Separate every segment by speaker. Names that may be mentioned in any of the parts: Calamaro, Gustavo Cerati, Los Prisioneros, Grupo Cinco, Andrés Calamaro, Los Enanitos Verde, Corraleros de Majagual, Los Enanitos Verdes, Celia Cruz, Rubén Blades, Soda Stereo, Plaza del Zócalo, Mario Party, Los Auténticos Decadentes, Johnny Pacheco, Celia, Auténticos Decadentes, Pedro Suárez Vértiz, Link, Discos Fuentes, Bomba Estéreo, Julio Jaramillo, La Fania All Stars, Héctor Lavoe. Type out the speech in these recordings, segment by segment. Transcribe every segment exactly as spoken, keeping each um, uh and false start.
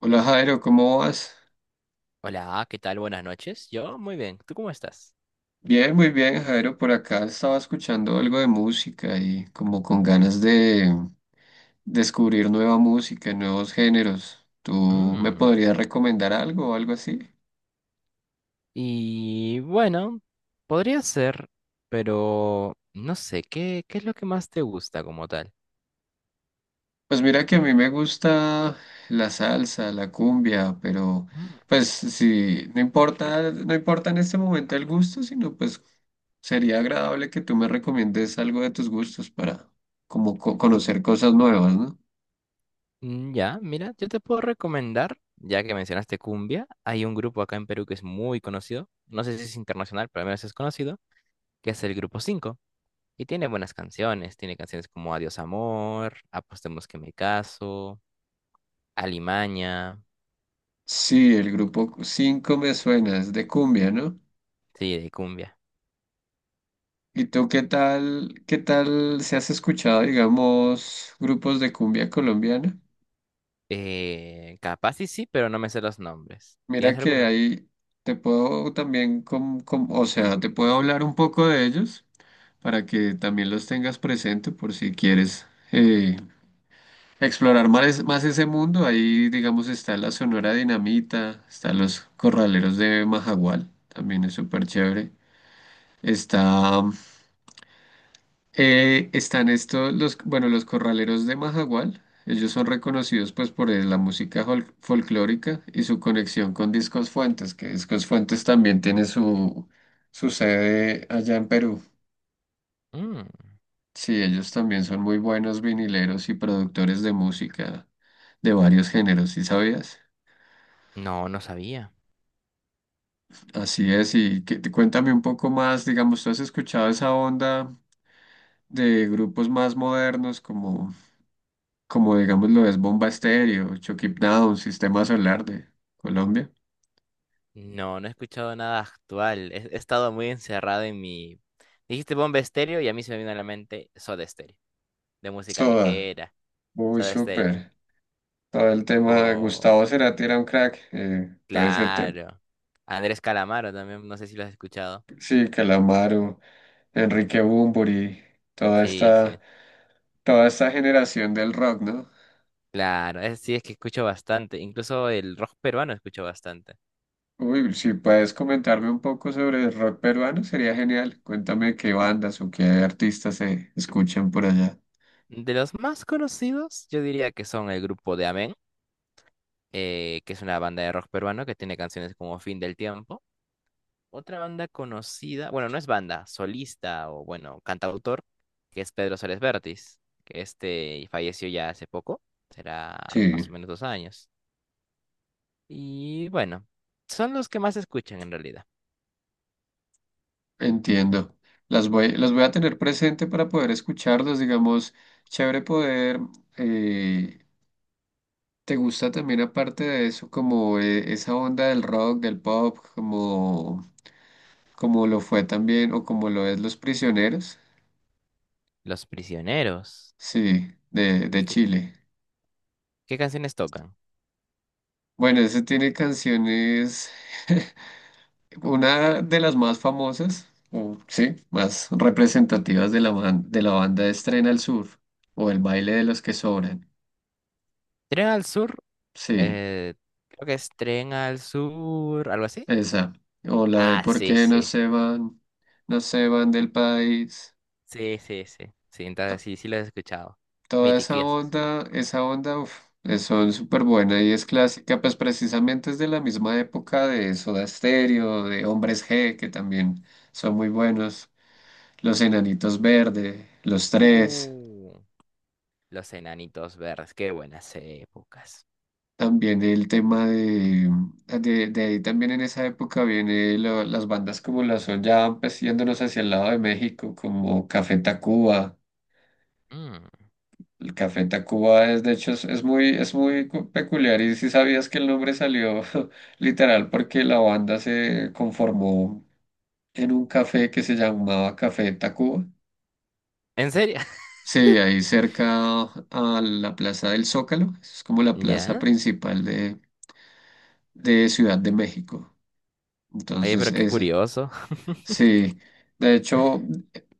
Speaker 1: Hola Jairo, ¿cómo vas?
Speaker 2: Hola, ¿qué tal? Buenas noches. Yo muy bien. ¿Tú cómo estás?
Speaker 1: Bien, muy bien Jairo, por acá estaba escuchando algo de música y como con ganas de descubrir nueva música, nuevos géneros. ¿Tú me
Speaker 2: Mm,
Speaker 1: podrías recomendar algo o algo así?
Speaker 2: Y bueno, podría ser, pero no sé, ¿qué, qué es lo que más te gusta como tal?
Speaker 1: Pues mira que a mí me gusta la salsa, la cumbia, pero
Speaker 2: Mm,
Speaker 1: pues sí, no importa, no importa en este momento el gusto, sino pues sería agradable que tú me recomiendes algo de tus gustos para como co- conocer cosas nuevas, ¿no?
Speaker 2: mm, Ya, mira, yo te puedo recomendar, ya que mencionaste cumbia, hay un grupo acá en Perú que es muy conocido, no sé si es internacional, pero al menos es conocido, que es el Grupo Cinco. Y tiene buenas canciones, tiene canciones como Adiós Amor, Apostemos que me caso, Alimaña,
Speaker 1: Sí, el grupo cinco me suena, es de cumbia, ¿no?
Speaker 2: sí, de cumbia.
Speaker 1: ¿Y tú qué tal, qué tal si has escuchado, digamos, grupos de cumbia colombiana?
Speaker 2: Eh, capaz y sí, pero no me sé los nombres.
Speaker 1: Mira
Speaker 2: ¿Tienes
Speaker 1: que
Speaker 2: alguna?
Speaker 1: ahí te puedo también, com- com- o sea, te puedo hablar un poco de ellos para que también los tengas presente por si quieres eh, explorar más, más ese mundo. Ahí, digamos, está la Sonora Dinamita, está los Corraleros de Majagual, también es súper chévere. Está Eh, están estos, los, bueno, los corraleros de Majagual. Ellos son reconocidos pues por eh, la música fol- folclórica y su conexión con Discos Fuentes, que Discos Fuentes también tiene su, su sede allá en Perú.
Speaker 2: Mm,
Speaker 1: Sí, ellos también son muy buenos vinileros y productores de música de varios géneros, ¿sí sabías?
Speaker 2: no, no sabía.
Speaker 1: Así es, y que, cuéntame un poco más, digamos, ¿tú has escuchado esa onda de grupos más modernos como... como digamos lo es Bomba Estéreo, Chucky Down, Sistema Solar de Colombia.
Speaker 2: No, no he escuchado nada actual. He, he estado muy encerrado en mi... Dijiste Bomba Estéreo y a mí se me vino a la mente Soda Stereo, de música
Speaker 1: Soda,
Speaker 2: ligera,
Speaker 1: muy
Speaker 2: Soda Stereo.
Speaker 1: súper. Todo el tema,
Speaker 2: Oh,
Speaker 1: Gustavo Cerati era un crack, eh, todo ese tema,
Speaker 2: claro. Andrés Calamaro también, no sé si lo has escuchado.
Speaker 1: sí, Calamaro, Enrique Bunbury, toda
Speaker 2: Sí,
Speaker 1: esta,
Speaker 2: sí.
Speaker 1: toda esta generación del rock, ¿no?
Speaker 2: Claro, es, sí, es que escucho bastante. Incluso el rock peruano escucho bastante.
Speaker 1: Uy, si puedes comentarme un poco sobre el rock peruano, sería genial. Cuéntame qué bandas o qué artistas se escuchan por allá.
Speaker 2: De los más conocidos, yo diría que son el grupo de Amén. Eh, que es una banda de rock peruano que tiene canciones como Fin del Tiempo. Otra banda conocida, bueno, no es banda, solista o bueno, cantautor, que es Pedro Suárez Vértiz, que este falleció ya hace poco, será más
Speaker 1: Sí.
Speaker 2: o menos dos años. Y bueno, son los que más se escuchan en realidad.
Speaker 1: Entiendo. Las voy, las voy a tener presente para poder escucharlos, digamos, chévere poder. eh, ¿te gusta también aparte de eso como eh, esa onda del rock, del pop, como, como lo fue también o como lo es Los Prisioneros?
Speaker 2: Los prisioneros.
Speaker 1: Sí, de, de
Speaker 2: ¿Qué,
Speaker 1: Chile.
Speaker 2: qué canciones tocan?
Speaker 1: Bueno, ese tiene canciones, una de las más famosas, o sí, más representativas de la, ban- de la banda Estrena al Sur o El baile de los que sobran.
Speaker 2: Tren al sur,
Speaker 1: Sí.
Speaker 2: eh, creo que es Tren al sur, algo así.
Speaker 1: Esa. O la de
Speaker 2: Ah,
Speaker 1: por
Speaker 2: sí,
Speaker 1: qué no
Speaker 2: sí, sí.
Speaker 1: se van, no se van del país.
Speaker 2: Sí, sí, sí. Sí, entonces
Speaker 1: To-
Speaker 2: sí, sí los he escuchado.
Speaker 1: Toda esa
Speaker 2: Mitiquiosos.
Speaker 1: onda, esa onda, uf, es- son súper buena y es clásica, pues precisamente es de la misma época de Soda Stereo, de Hombres G, que también son muy buenos. Los Enanitos Verde, Los Tres.
Speaker 2: Uh, los enanitos verdes, qué buenas épocas.
Speaker 1: También el tema de, de, de ahí también en esa época viene lo- las bandas como las Son Ya, pues yéndonos hacia el lado de México, como Café Tacuba.
Speaker 2: Mm,
Speaker 1: El Café Tacuba es, de hecho, es, es muy, es muy cu- peculiar y si sabías que el nombre salió literal porque la banda se conformó en un café que se llamaba Café Tacuba.
Speaker 2: ¿en serio?
Speaker 1: Sí, ahí cerca a la Plaza del Zócalo, es como la plaza
Speaker 2: ¿Ya?
Speaker 1: principal de, de Ciudad de México.
Speaker 2: Oye,
Speaker 1: Entonces,
Speaker 2: pero qué
Speaker 1: ese,
Speaker 2: curioso.
Speaker 1: sí, de hecho,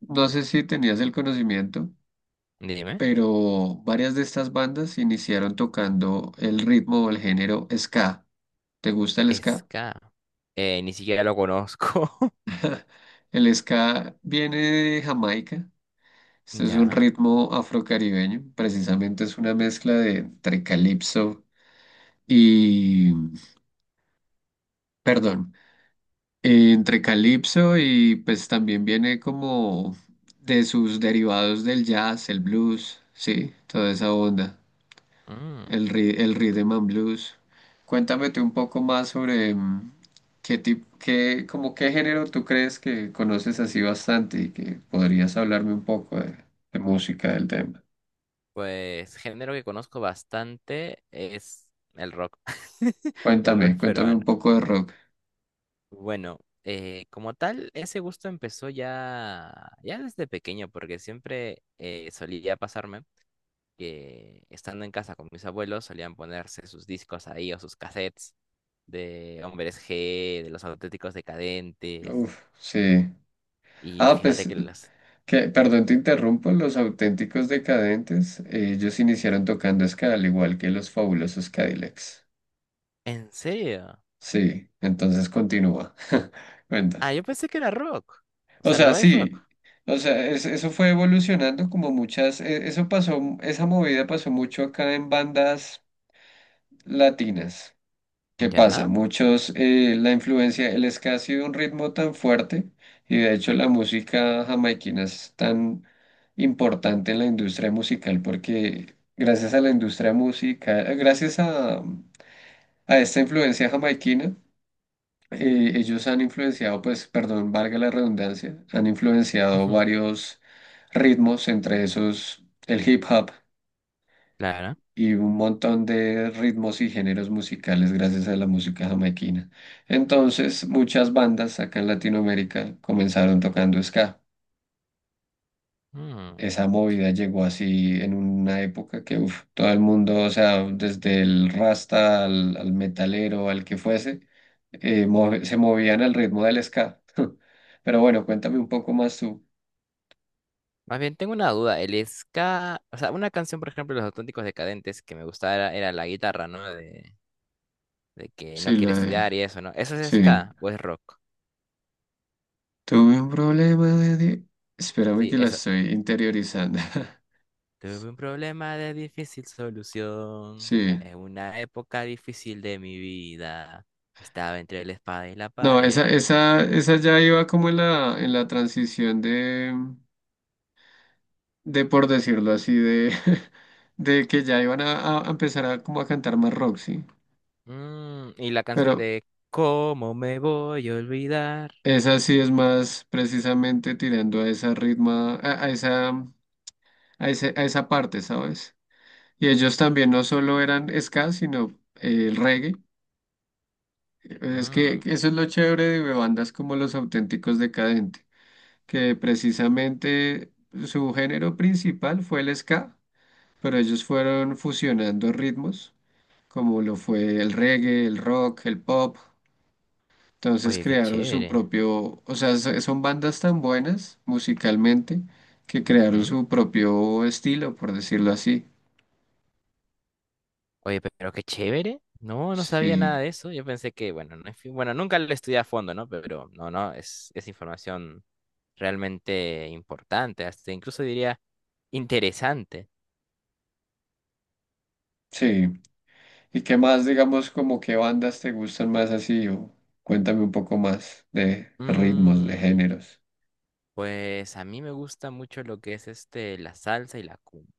Speaker 1: no sé si tenías el conocimiento,
Speaker 2: Dime.
Speaker 1: pero varias de estas bandas iniciaron tocando el ritmo o el género ska. ¿Te gusta el ska?
Speaker 2: Ska. Eh, ni siquiera lo conozco.
Speaker 1: El ska viene de Jamaica. Este es un
Speaker 2: ¿Ya?
Speaker 1: ritmo afrocaribeño. Precisamente es una mezcla de entre calipso y, perdón, eh, entre calipso y pues también viene como de sus derivados del jazz, el blues, sí, toda esa onda.
Speaker 2: Mm,
Speaker 1: El, ri- el Rhythm and Blues. Cuéntame tú un poco más sobre mm, qué tipo, qué, como qué género tú crees que conoces así bastante y que podrías hablarme un poco de, de música del tema.
Speaker 2: pues género que conozco bastante es el rock. El
Speaker 1: Cuéntame,
Speaker 2: rock
Speaker 1: cuéntame un
Speaker 2: peruano.
Speaker 1: poco de rock.
Speaker 2: Bueno, eh, como tal, ese gusto empezó ya, ya desde pequeño, porque siempre eh, solía pasarme que estando en casa con mis abuelos solían ponerse sus discos ahí o sus cassettes de Hombres G, de los Auténticos Decadentes.
Speaker 1: Uf, sí.
Speaker 2: Y
Speaker 1: Ah,
Speaker 2: fíjate
Speaker 1: pues,
Speaker 2: que los...
Speaker 1: que, perdón, te interrumpo. Los auténticos decadentes, eh, ellos iniciaron tocando ska, al igual que los fabulosos Cadillacs.
Speaker 2: ¿En serio?
Speaker 1: Sí, entonces continúa. Cuenta.
Speaker 2: Ah, yo pensé que era rock. O
Speaker 1: O
Speaker 2: sea,
Speaker 1: sea,
Speaker 2: no es rock.
Speaker 1: sí, o sea, es- eso fue evolucionando como muchas, e- eso pasó, esa movida pasó mucho acá en bandas latinas. ¿Qué pasa?
Speaker 2: ¿Ya?
Speaker 1: Muchos, eh, la influencia, el ska ha sido un ritmo tan fuerte y de hecho la música jamaiquina es tan importante en la industria musical porque gracias a la industria musical, gracias a, a esta influencia jamaiquina, eh, ellos han influenciado, pues, perdón, valga la redundancia, han influenciado
Speaker 2: Ujú,
Speaker 1: varios ritmos, entre esos el hip hop
Speaker 2: claro.
Speaker 1: y un montón de ritmos y géneros musicales gracias a la música jamaiquina. Entonces, muchas bandas acá en Latinoamérica comenzaron tocando ska.
Speaker 2: Mm.
Speaker 1: Esa movida llegó así en una época que uf, todo el mundo, o sea, desde el rasta al, al metalero, al que fuese, eh, move- se movían al ritmo del ska. Pero bueno, cuéntame un poco más tú.
Speaker 2: Más bien, tengo una duda. El ska, o sea, una canción, por ejemplo, de Los Auténticos Decadentes que me gustaba era, era la guitarra, ¿no? De, de que no
Speaker 1: Sí,
Speaker 2: quiere
Speaker 1: la de.
Speaker 2: estudiar y eso, ¿no? ¿Eso es
Speaker 1: Sí.
Speaker 2: ska o es rock?
Speaker 1: Tuve un problema de. di- Espérame
Speaker 2: Sí,
Speaker 1: que la
Speaker 2: eso.
Speaker 1: estoy interiorizando.
Speaker 2: Tuve un problema de difícil solución.
Speaker 1: Sí.
Speaker 2: En una época difícil de mi vida. Estaba entre la espada y la
Speaker 1: No, esa,
Speaker 2: pared.
Speaker 1: esa, esa ya iba como en la, en la transición de de por decirlo así, de, de que ya iban a, a empezar a como a cantar más rock, ¿sí?
Speaker 2: Mm, y la
Speaker 1: Pero
Speaker 2: canción de ¿cómo me voy a olvidar?
Speaker 1: esa sí es más precisamente tirando a esa ritma, a, a esa, a ese- a esa parte, ¿sabes? Y ellos también no solo eran ska, sino eh, el reggae. Es
Speaker 2: Mm,
Speaker 1: que eso es lo chévere de bandas como Los Auténticos Decadentes, que precisamente su género principal fue el ska, pero ellos fueron fusionando ritmos, como lo fue el reggae, el rock, el pop. Entonces
Speaker 2: oye, qué
Speaker 1: crearon su
Speaker 2: chévere.
Speaker 1: propio, o sea, so- son bandas tan buenas musicalmente que crearon
Speaker 2: Ujú.
Speaker 1: su propio estilo, por decirlo así.
Speaker 2: Oye, pero qué chévere. No, no sabía
Speaker 1: Sí,
Speaker 2: nada de eso. Yo pensé que, bueno, no, en fin, bueno, nunca lo estudié a fondo, ¿no? Pero no, no, es, es información realmente importante, hasta incluso diría interesante.
Speaker 1: sí. ¿Y qué más, digamos, como qué bandas te gustan más así? O cuéntame un poco más de ritmos, de
Speaker 2: Mm,
Speaker 1: géneros.
Speaker 2: pues a mí me gusta mucho lo que es este, la salsa y la cumbia.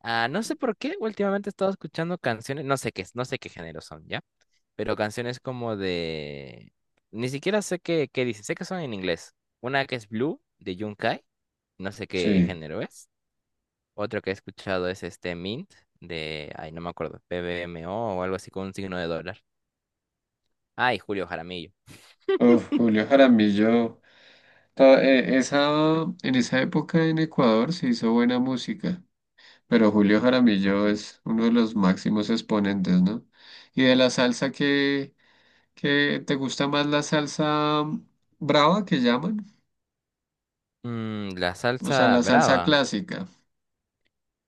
Speaker 2: Ah, no sé por qué, últimamente he estado escuchando canciones, no sé qué, no sé qué género son, ¿ya? Pero canciones como de... Ni siquiera sé qué, qué dice, sé que son en inglés. Una que es Blue de Yunkai, no sé qué
Speaker 1: Sí.
Speaker 2: género es. Otro que he escuchado es este Mint de, ay, no me acuerdo, PBMO o o algo así con un signo de dólar. Ay, Julio Jaramillo.
Speaker 1: Uf, Julio Jaramillo. to- eh, Esa, en esa época en Ecuador se hizo buena música. Pero Julio Jaramillo es uno de los máximos exponentes, ¿no? Y de la salsa que, que te gusta más la salsa mm, brava que llaman,
Speaker 2: Mm, la
Speaker 1: o sea,
Speaker 2: salsa
Speaker 1: la salsa
Speaker 2: brava.
Speaker 1: clásica,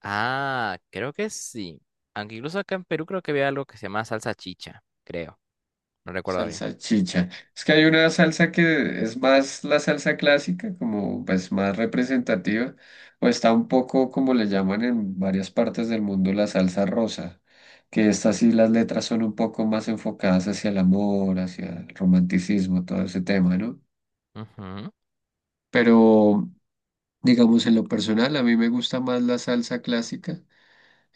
Speaker 2: Ah, creo que sí. Aunque incluso acá en Perú creo que había algo que se llama salsa chicha, creo. No recuerdo bien.
Speaker 1: salsa chicha. Es que hay una salsa que es más la salsa clásica, como pues más representativa, o está un poco como le llaman en varias partes del mundo la salsa rosa, que estas sí las letras son un poco más enfocadas hacia el amor, hacia el romanticismo, todo ese tema, ¿no?
Speaker 2: Ujú,
Speaker 1: Pero, digamos, en lo personal, a mí me gusta más la salsa clásica.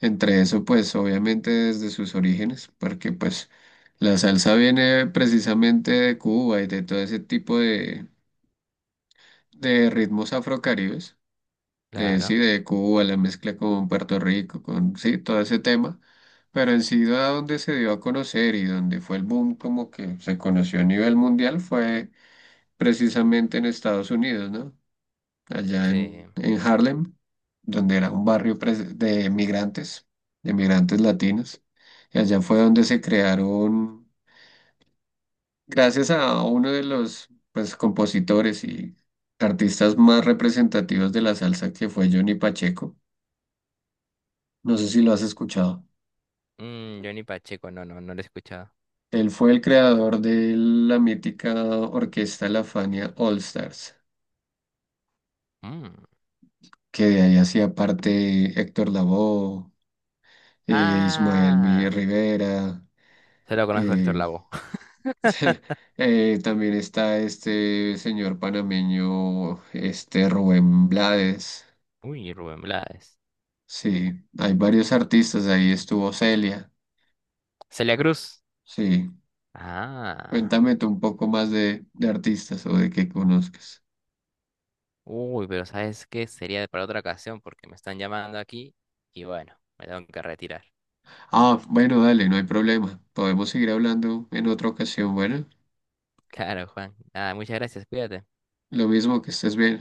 Speaker 1: Entre eso, pues, obviamente desde sus orígenes, porque, pues, la salsa viene precisamente de Cuba y de todo ese tipo de, de ritmos afrocaribes. De, sí,
Speaker 2: claro.
Speaker 1: de Cuba, la mezcla con Puerto Rico, con, sí, todo ese tema. Pero en sí, a donde se dio a conocer y donde fue el boom, como que se conoció a nivel mundial, fue precisamente en Estados Unidos, ¿no? Allá
Speaker 2: Sí.
Speaker 1: en, en Harlem, donde era un barrio pres- de migrantes, de migrantes latinos. Y allá fue donde se crearon, gracias a uno de los pues, compositores y artistas más representativos de la salsa, que fue Johnny Pacheco. No sé si lo has escuchado.
Speaker 2: Mm, Johnny Pacheco, no, no, no lo he escuchado.
Speaker 1: Él fue el creador de la mítica orquesta La Fania All Stars,
Speaker 2: Mm.
Speaker 1: que de ahí hacía parte Héctor Lavoe, eh, Ismael Mi
Speaker 2: Ah,
Speaker 1: Rivera,
Speaker 2: se lo conozco a Héctor
Speaker 1: eh,
Speaker 2: Lavoe.
Speaker 1: Eh, también está este señor panameño, este Rubén Blades.
Speaker 2: Uy, Rubén Blades.
Speaker 1: Sí, hay varios artistas, ahí estuvo Celia.
Speaker 2: Celia Cruz.
Speaker 1: Sí,
Speaker 2: Ah,
Speaker 1: cuéntame tú un poco más de, de artistas o de que conozcas.
Speaker 2: uy, pero ¿sabes qué? Sería para otra ocasión porque me están llamando aquí y bueno, me tengo que retirar.
Speaker 1: Ah, bueno, dale, no hay problema. Podemos seguir hablando en otra ocasión. Bueno,
Speaker 2: Claro, Juan. Nada, muchas gracias, cuídate.
Speaker 1: lo mismo que estés bien.